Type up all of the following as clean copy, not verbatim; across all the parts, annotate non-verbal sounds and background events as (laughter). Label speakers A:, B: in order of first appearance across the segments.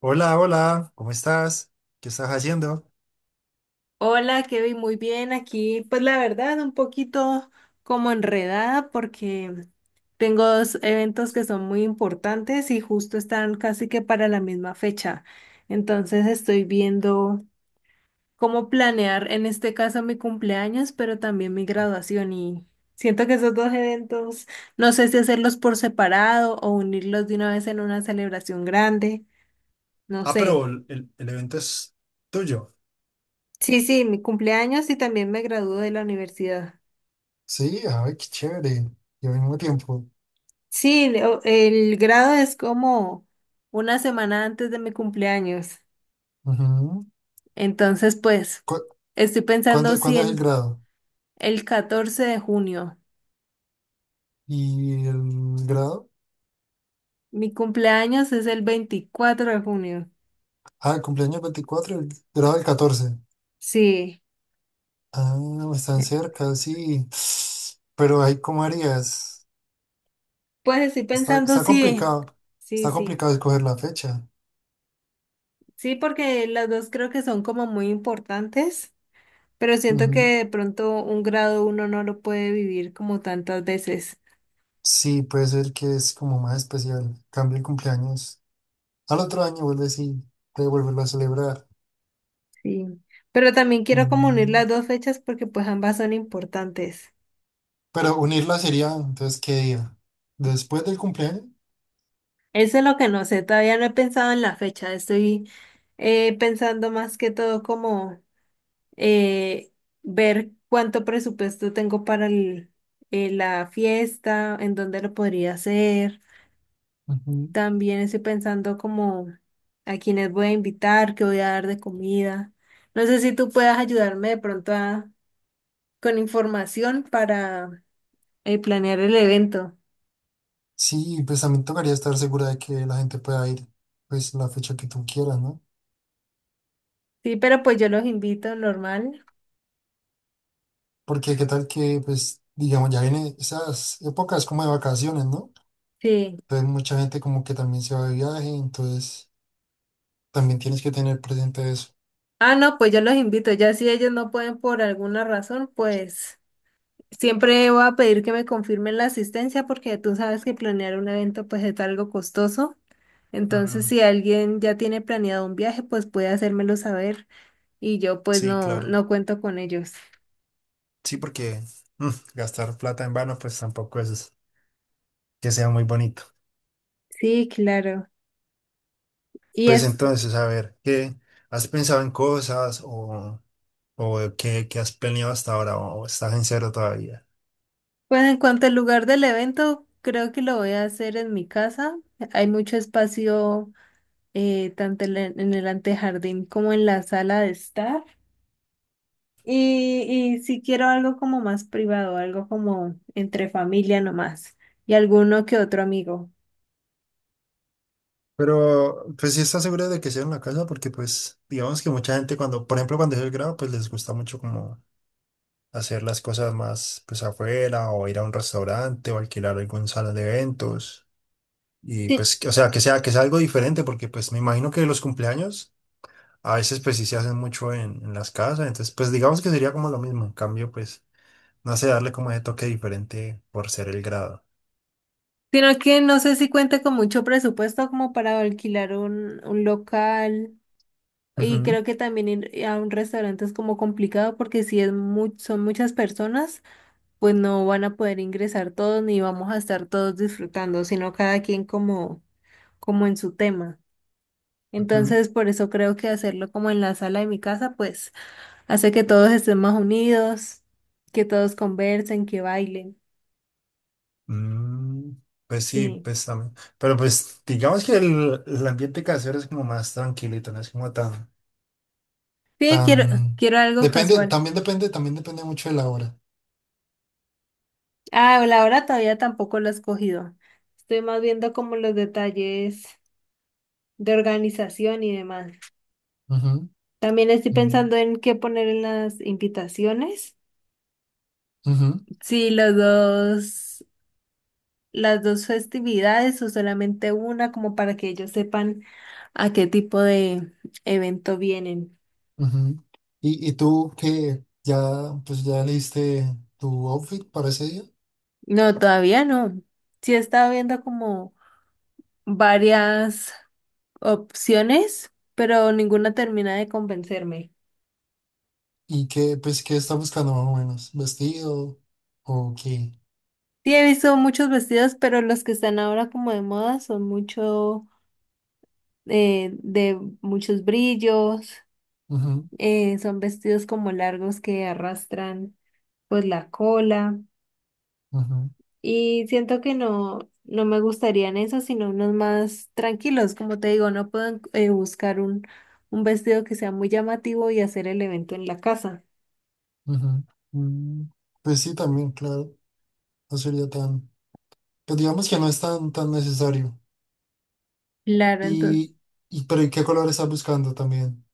A: Hola, hola, ¿cómo estás? ¿Qué estás haciendo?
B: Hola, Kevin, muy bien. Aquí, pues la verdad, un poquito como enredada porque tengo dos eventos que son muy importantes y justo están casi que para la misma fecha. Entonces estoy viendo cómo planear en este caso mi cumpleaños, pero también mi graduación y siento que esos dos eventos, no sé si hacerlos por separado o unirlos de una vez en una celebración grande, no
A: Ah, pero
B: sé.
A: el evento es tuyo.
B: Sí, sí, mi cumpleaños y también me gradúo de la universidad.
A: Sí, ay, qué chévere. Y al mismo tiempo.
B: Sí, el grado es como una semana antes de mi cumpleaños.
A: Ujú.
B: Entonces, pues,
A: ¿Cu-
B: estoy pensando
A: cuándo,
B: si
A: cuándo es el
B: en
A: grado?
B: el 14 de junio.
A: ¿Y el grado?
B: Mi cumpleaños es el 24 de junio.
A: Ah, el cumpleaños el 24, el grado el 14.
B: Sí,
A: Ah, están
B: eh,
A: cerca, sí. (sniffs) Pero ahí, ¿cómo harías?
B: pues estoy
A: Está,
B: pensando
A: está
B: si,
A: complicado.
B: sí,
A: Está
B: sí.
A: complicado escoger la fecha.
B: Sí, porque las dos creo que son como muy importantes, pero siento que
A: Ujú.
B: de pronto un grado uno no lo puede vivir como tantas veces.
A: Sí, puede ser que es como más especial. Cambia el cumpleaños. Al otro año vuelves y te vuelves a celebrar.
B: Sí. Pero también quiero como unir
A: Mm,
B: las dos fechas porque pues ambas son importantes.
A: Pero unirla sería, entonces, ¿qué día? Después del cumpleaños.
B: Eso es lo que no sé, todavía no he pensado en la fecha, estoy pensando más que todo como eh, ver cuánto presupuesto tengo para la fiesta, en dónde lo podría hacer.
A: Ujú.
B: También estoy pensando como a quiénes voy a invitar, qué voy a dar de comida. No sé si tú puedas ayudarme de pronto con información para planear el evento.
A: Sí, pues también tocaría estar segura de que la gente pueda ir, pues, la fecha que tú quieras, ¿no?
B: Sí, pero pues yo los invito normal.
A: Porque qué tal que, pues, digamos, ya vienen esas épocas como de vacaciones, ¿no?
B: Sí.
A: Entonces mucha gente como que también se va de viaje, entonces también tienes que tener presente eso.
B: Ah, no, pues yo los invito. Ya si ellos no pueden por alguna razón, pues siempre voy a pedir que me confirmen la asistencia porque tú sabes que planear un evento pues es algo costoso. Entonces,
A: Mm,
B: si alguien ya tiene planeado un viaje, pues puede hacérmelo saber y yo pues
A: sí,
B: no,
A: claro.
B: no cuento con ellos.
A: Sí, porque mm, gastar plata en vano, pues tampoco es que sea muy bonito.
B: Sí, claro. Y
A: Pues
B: es,
A: entonces, a ver, ¿qué has pensado en cosas o qué has planeado hasta ahora o estás en cero todavía?
B: pues en cuanto al lugar del evento, creo que lo voy a hacer en mi casa. Hay mucho espacio tanto en el antejardín como en la sala de estar. Y, y si quiero algo como más privado, algo como entre familia nomás y alguno que otro amigo.
A: Pero, pues sí estás seguro de que sea en la casa porque, pues, digamos que mucha gente cuando, por ejemplo, cuando es el grado, pues les gusta mucho como hacer las cosas más, pues, afuera o ir a un restaurante o alquilar algún salón de eventos. Y
B: Sí,
A: pues, o sea, que sea algo diferente porque, pues, me imagino que los cumpleaños. A veces pues sí se hacen mucho en las casas, entonces pues digamos que sería como lo mismo, en cambio pues no sé, darle como ese toque diferente por ser el grado.
B: sino que no sé si cuenta con mucho presupuesto como para alquilar un local y
A: Ujú,
B: creo que también ir a un restaurante es como complicado porque si es son muchas personas, pues no van a poder ingresar todos ni vamos a estar todos disfrutando, sino cada quien como en su tema.
A: ujú.
B: Entonces, por eso creo que hacerlo como en la sala de mi casa, pues hace que todos estén más unidos, que todos conversen, que bailen.
A: Mm, pues sí,
B: Sí.
A: pues también. Pero pues digamos que el ambiente casero es como más tranquilito, no es como tan,
B: Sí,
A: tan...
B: quiero algo
A: Depende,
B: casual.
A: también depende, también depende mucho de la hora.
B: Ah, la hora todavía tampoco lo he escogido. Estoy más viendo como los detalles de organización y demás.
A: Ujú,
B: También estoy
A: mm,
B: pensando en qué poner en las invitaciones.
A: ujú,
B: Sí, los dos, las dos festividades o solamente una, como para que ellos sepan a qué tipo de evento vienen.
A: ujú. ¿Y tú qué ya, pues ya leíste tu outfit para ese día?
B: No, todavía no. Sí he estado viendo como varias opciones, pero ninguna termina de convencerme.
A: ¿Y qué, pues, qué está buscando más o menos? ¿Vestido o qué?
B: Sí, he visto muchos vestidos, pero los que están ahora como de moda son mucho de muchos brillos,
A: Ujú,
B: son vestidos como largos que arrastran pues la cola.
A: ujú,
B: Y siento que no, no me gustarían esos, sino unos más tranquilos. Como te digo, no puedo buscar un vestido que sea muy llamativo y hacer el evento en la casa.
A: ujú. Mm, pues sí, también, claro. No sería tan. Pues digamos que no es tan necesario.
B: Claro, entonces.
A: Y, y, pero ¿y qué color está buscando también?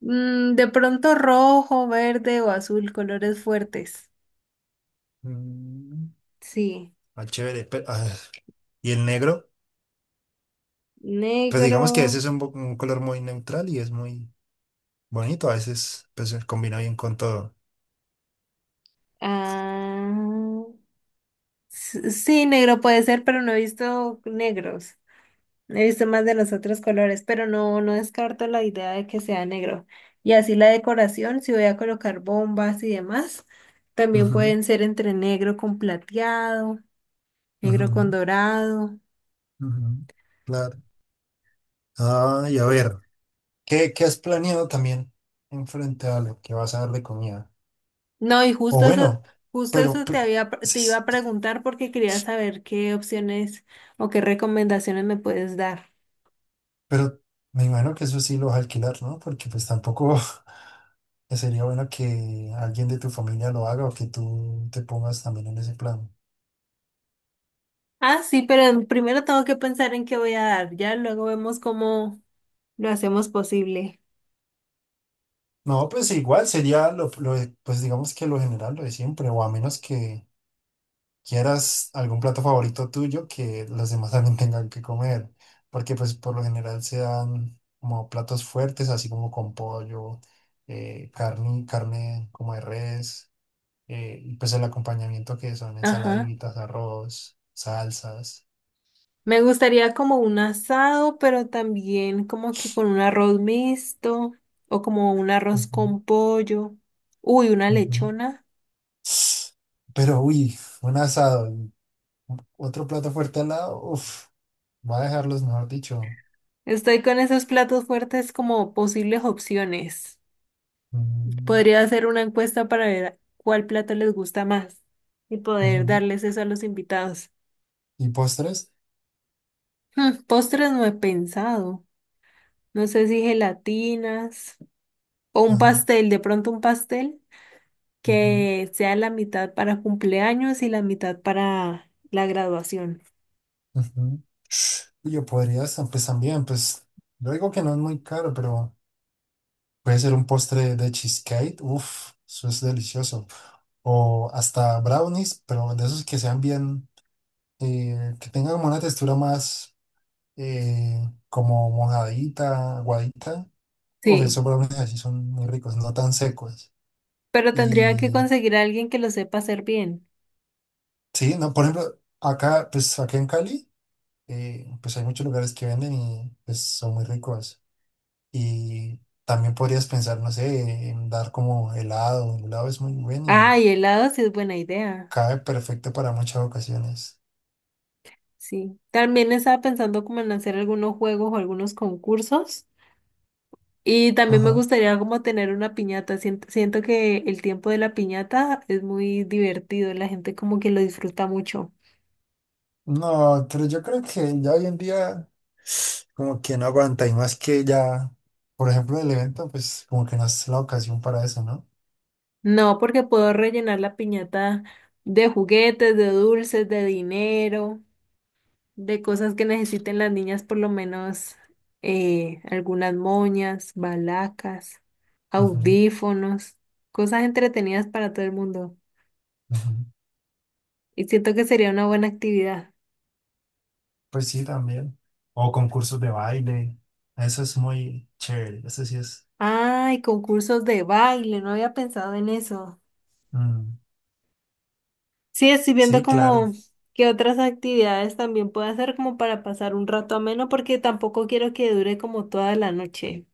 B: De pronto rojo, verde o azul, colores fuertes.
A: Mm,
B: Sí.
A: ah, chévere. Pero, ah, ¿y el negro? Pues
B: Negro.
A: digamos que ese es un color muy neutral y es muy bonito. A veces pues, se combina bien con todo.
B: Ah, sí, negro puede ser, pero no he visto negros. He visto más de los otros colores, pero no, no descarto la idea de que sea negro. Y así la decoración, si voy a colocar bombas y demás, también
A: Ujú,
B: pueden ser entre negro con plateado, negro con
A: ujú,
B: dorado.
A: ujú. Claro. Ah, y a ver. ¿Qué has planeado también en frente a lo que vas a dar de comida?
B: No, y
A: O
B: justo eso,
A: bueno,
B: justo
A: pero,
B: eso
A: pero,
B: te iba
A: s-
B: a preguntar porque quería saber qué opciones o qué recomendaciones me puedes dar.
A: pero me imagino que eso sí lo vas a alquilar, ¿no? Porque pues tampoco (laughs) sería bueno que alguien de tu familia lo haga o que tú te pongas también en ese plan.
B: Ah, sí, pero primero tengo que pensar en qué voy a dar. Ya luego vemos cómo lo hacemos posible.
A: No, pues igual sería lo pues digamos que lo general, lo de siempre, o a menos que quieras algún plato favorito tuyo que los demás también (laughs) tengan que comer, porque pues por lo general se dan como platos fuertes, así como con pollo, carne como de res, y pues el acompañamiento que son
B: Ajá.
A: ensaladitas, arroz, salsas.
B: Me gustaría como un asado, pero también como que con un arroz mixto o como un arroz
A: Ujú,
B: con pollo. Uy, una
A: ujú.
B: lechona.
A: Pero uy, un asado, y otro plato fuerte al lado, uff, va a dejarlos, mejor dicho.
B: Estoy con esos platos fuertes como posibles opciones.
A: Mm,
B: Podría hacer una encuesta para ver cuál plato les gusta más y poder
A: ujú.
B: darles eso a los invitados.
A: ¿Y postres?
B: Postres no he pensado. No sé si gelatinas o un
A: Ajá.
B: pastel, de pronto un pastel, que sea la mitad para cumpleaños y la mitad para la graduación.
A: Ujú. Y yo podría estar, pues también, pues yo digo que no es muy caro, pero puede ser un postre de cheesecake, uff, eso es delicioso. O hasta brownies, pero de esos que sean bien, que tengan como una textura más eh, como mojadita, aguadita. Uf,
B: Sí,
A: esos brownies así son muy ricos, no tan secos.
B: pero tendría que
A: Y
B: conseguir a alguien que lo sepa hacer bien.
A: sí, no, por ejemplo, acá, pues acá en Cali, pues hay muchos lugares que venden y pues son muy ricos. Y también podrías pensar, no sé, en dar como helado. El helado es muy bueno y
B: Ah, y helado sí es buena idea.
A: cabe perfecto para muchas ocasiones.
B: Sí, también estaba pensando como en hacer algunos juegos o algunos concursos. Y también me
A: Ajá.
B: gustaría como tener una piñata. Siento que el tiempo de la piñata es muy divertido, la gente como que lo disfruta mucho.
A: No, pero yo creo que ya hoy en día como que no aguanta y más que ya, por ejemplo, el evento, pues como que no es la ocasión para eso, ¿no?
B: No, porque puedo rellenar la piñata de juguetes, de dulces, de dinero, de cosas que necesiten las niñas, por lo menos algunas moñas, balacas,
A: Ujú,
B: audífonos, cosas entretenidas para todo el mundo.
A: ujú.
B: Y siento que sería una buena actividad.
A: Pues sí, también. O concursos de baile. Eso es muy chévere. Eso sí es.
B: Ay, concursos de baile, no había pensado en eso.
A: Mm,
B: Sí, estoy viendo
A: sí, claro.
B: como qué otras actividades también puedo hacer como para pasar un rato ameno, porque tampoco quiero que dure como toda la noche,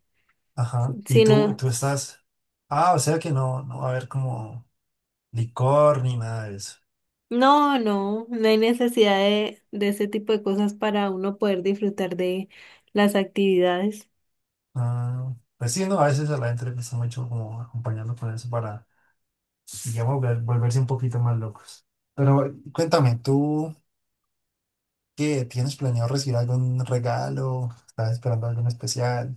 A: Ajá. Y tú,
B: sino.
A: tú estás. Ah, o sea que no, no va a haber como licor ni nada de eso.
B: No, no, no hay necesidad de ese tipo de cosas para uno poder disfrutar de las actividades.
A: Ah, pues sí, no, a veces a la gente le cuesta mucho como acompañarlo con eso para, digamos, volverse un poquito más locos. Pero cuéntame, ¿tú qué tienes planeado recibir algún regalo? ¿Estás esperando algo en especial?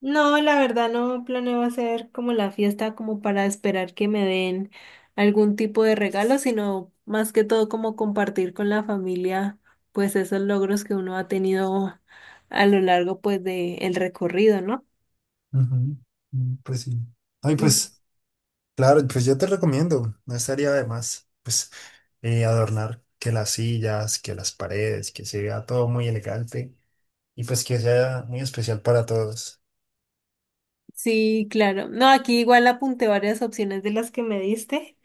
B: No, la verdad no planeo hacer como la fiesta como para esperar que me den algún tipo de regalo, sino más que todo como compartir con la familia pues esos logros que uno ha tenido a lo largo pues de el recorrido, ¿no?
A: Ujú, mm, pues sí. Ay,
B: Mm,
A: pues claro, pues yo te recomiendo, no estaría de más, pues adornar que las sillas, que las paredes, que se vea todo muy elegante y pues que sea muy especial para todos.
B: sí, claro. No, aquí igual apunté varias opciones de las que me diste.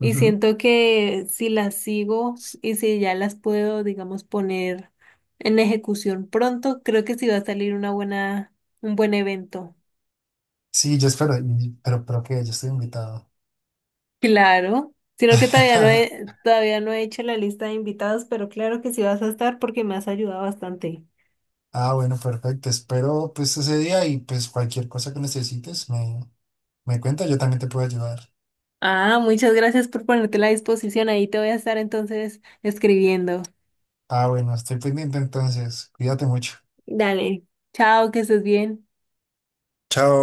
B: Y siento que si las sigo y si ya las puedo, digamos, poner en ejecución pronto, creo que sí va a salir un buen evento. (laughs)
A: Sí, yo espero, pero que yo estoy invitado.
B: Claro, sino que todavía no he,
A: (laughs)
B: todavía no he hecho la lista de invitados, pero claro que sí vas a estar porque me has ayudado bastante.
A: Ah, bueno, perfecto. Espero pues ese día y pues cualquier cosa que necesites me cuenta, yo también te puedo ayudar.
B: Ah, muchas gracias por ponerte a la disposición. Ahí te voy a estar entonces escribiendo.
A: Ah, bueno, estoy pendiente entonces. Cuídate mucho.
B: Dale, chao, que estés bien.
A: Chao.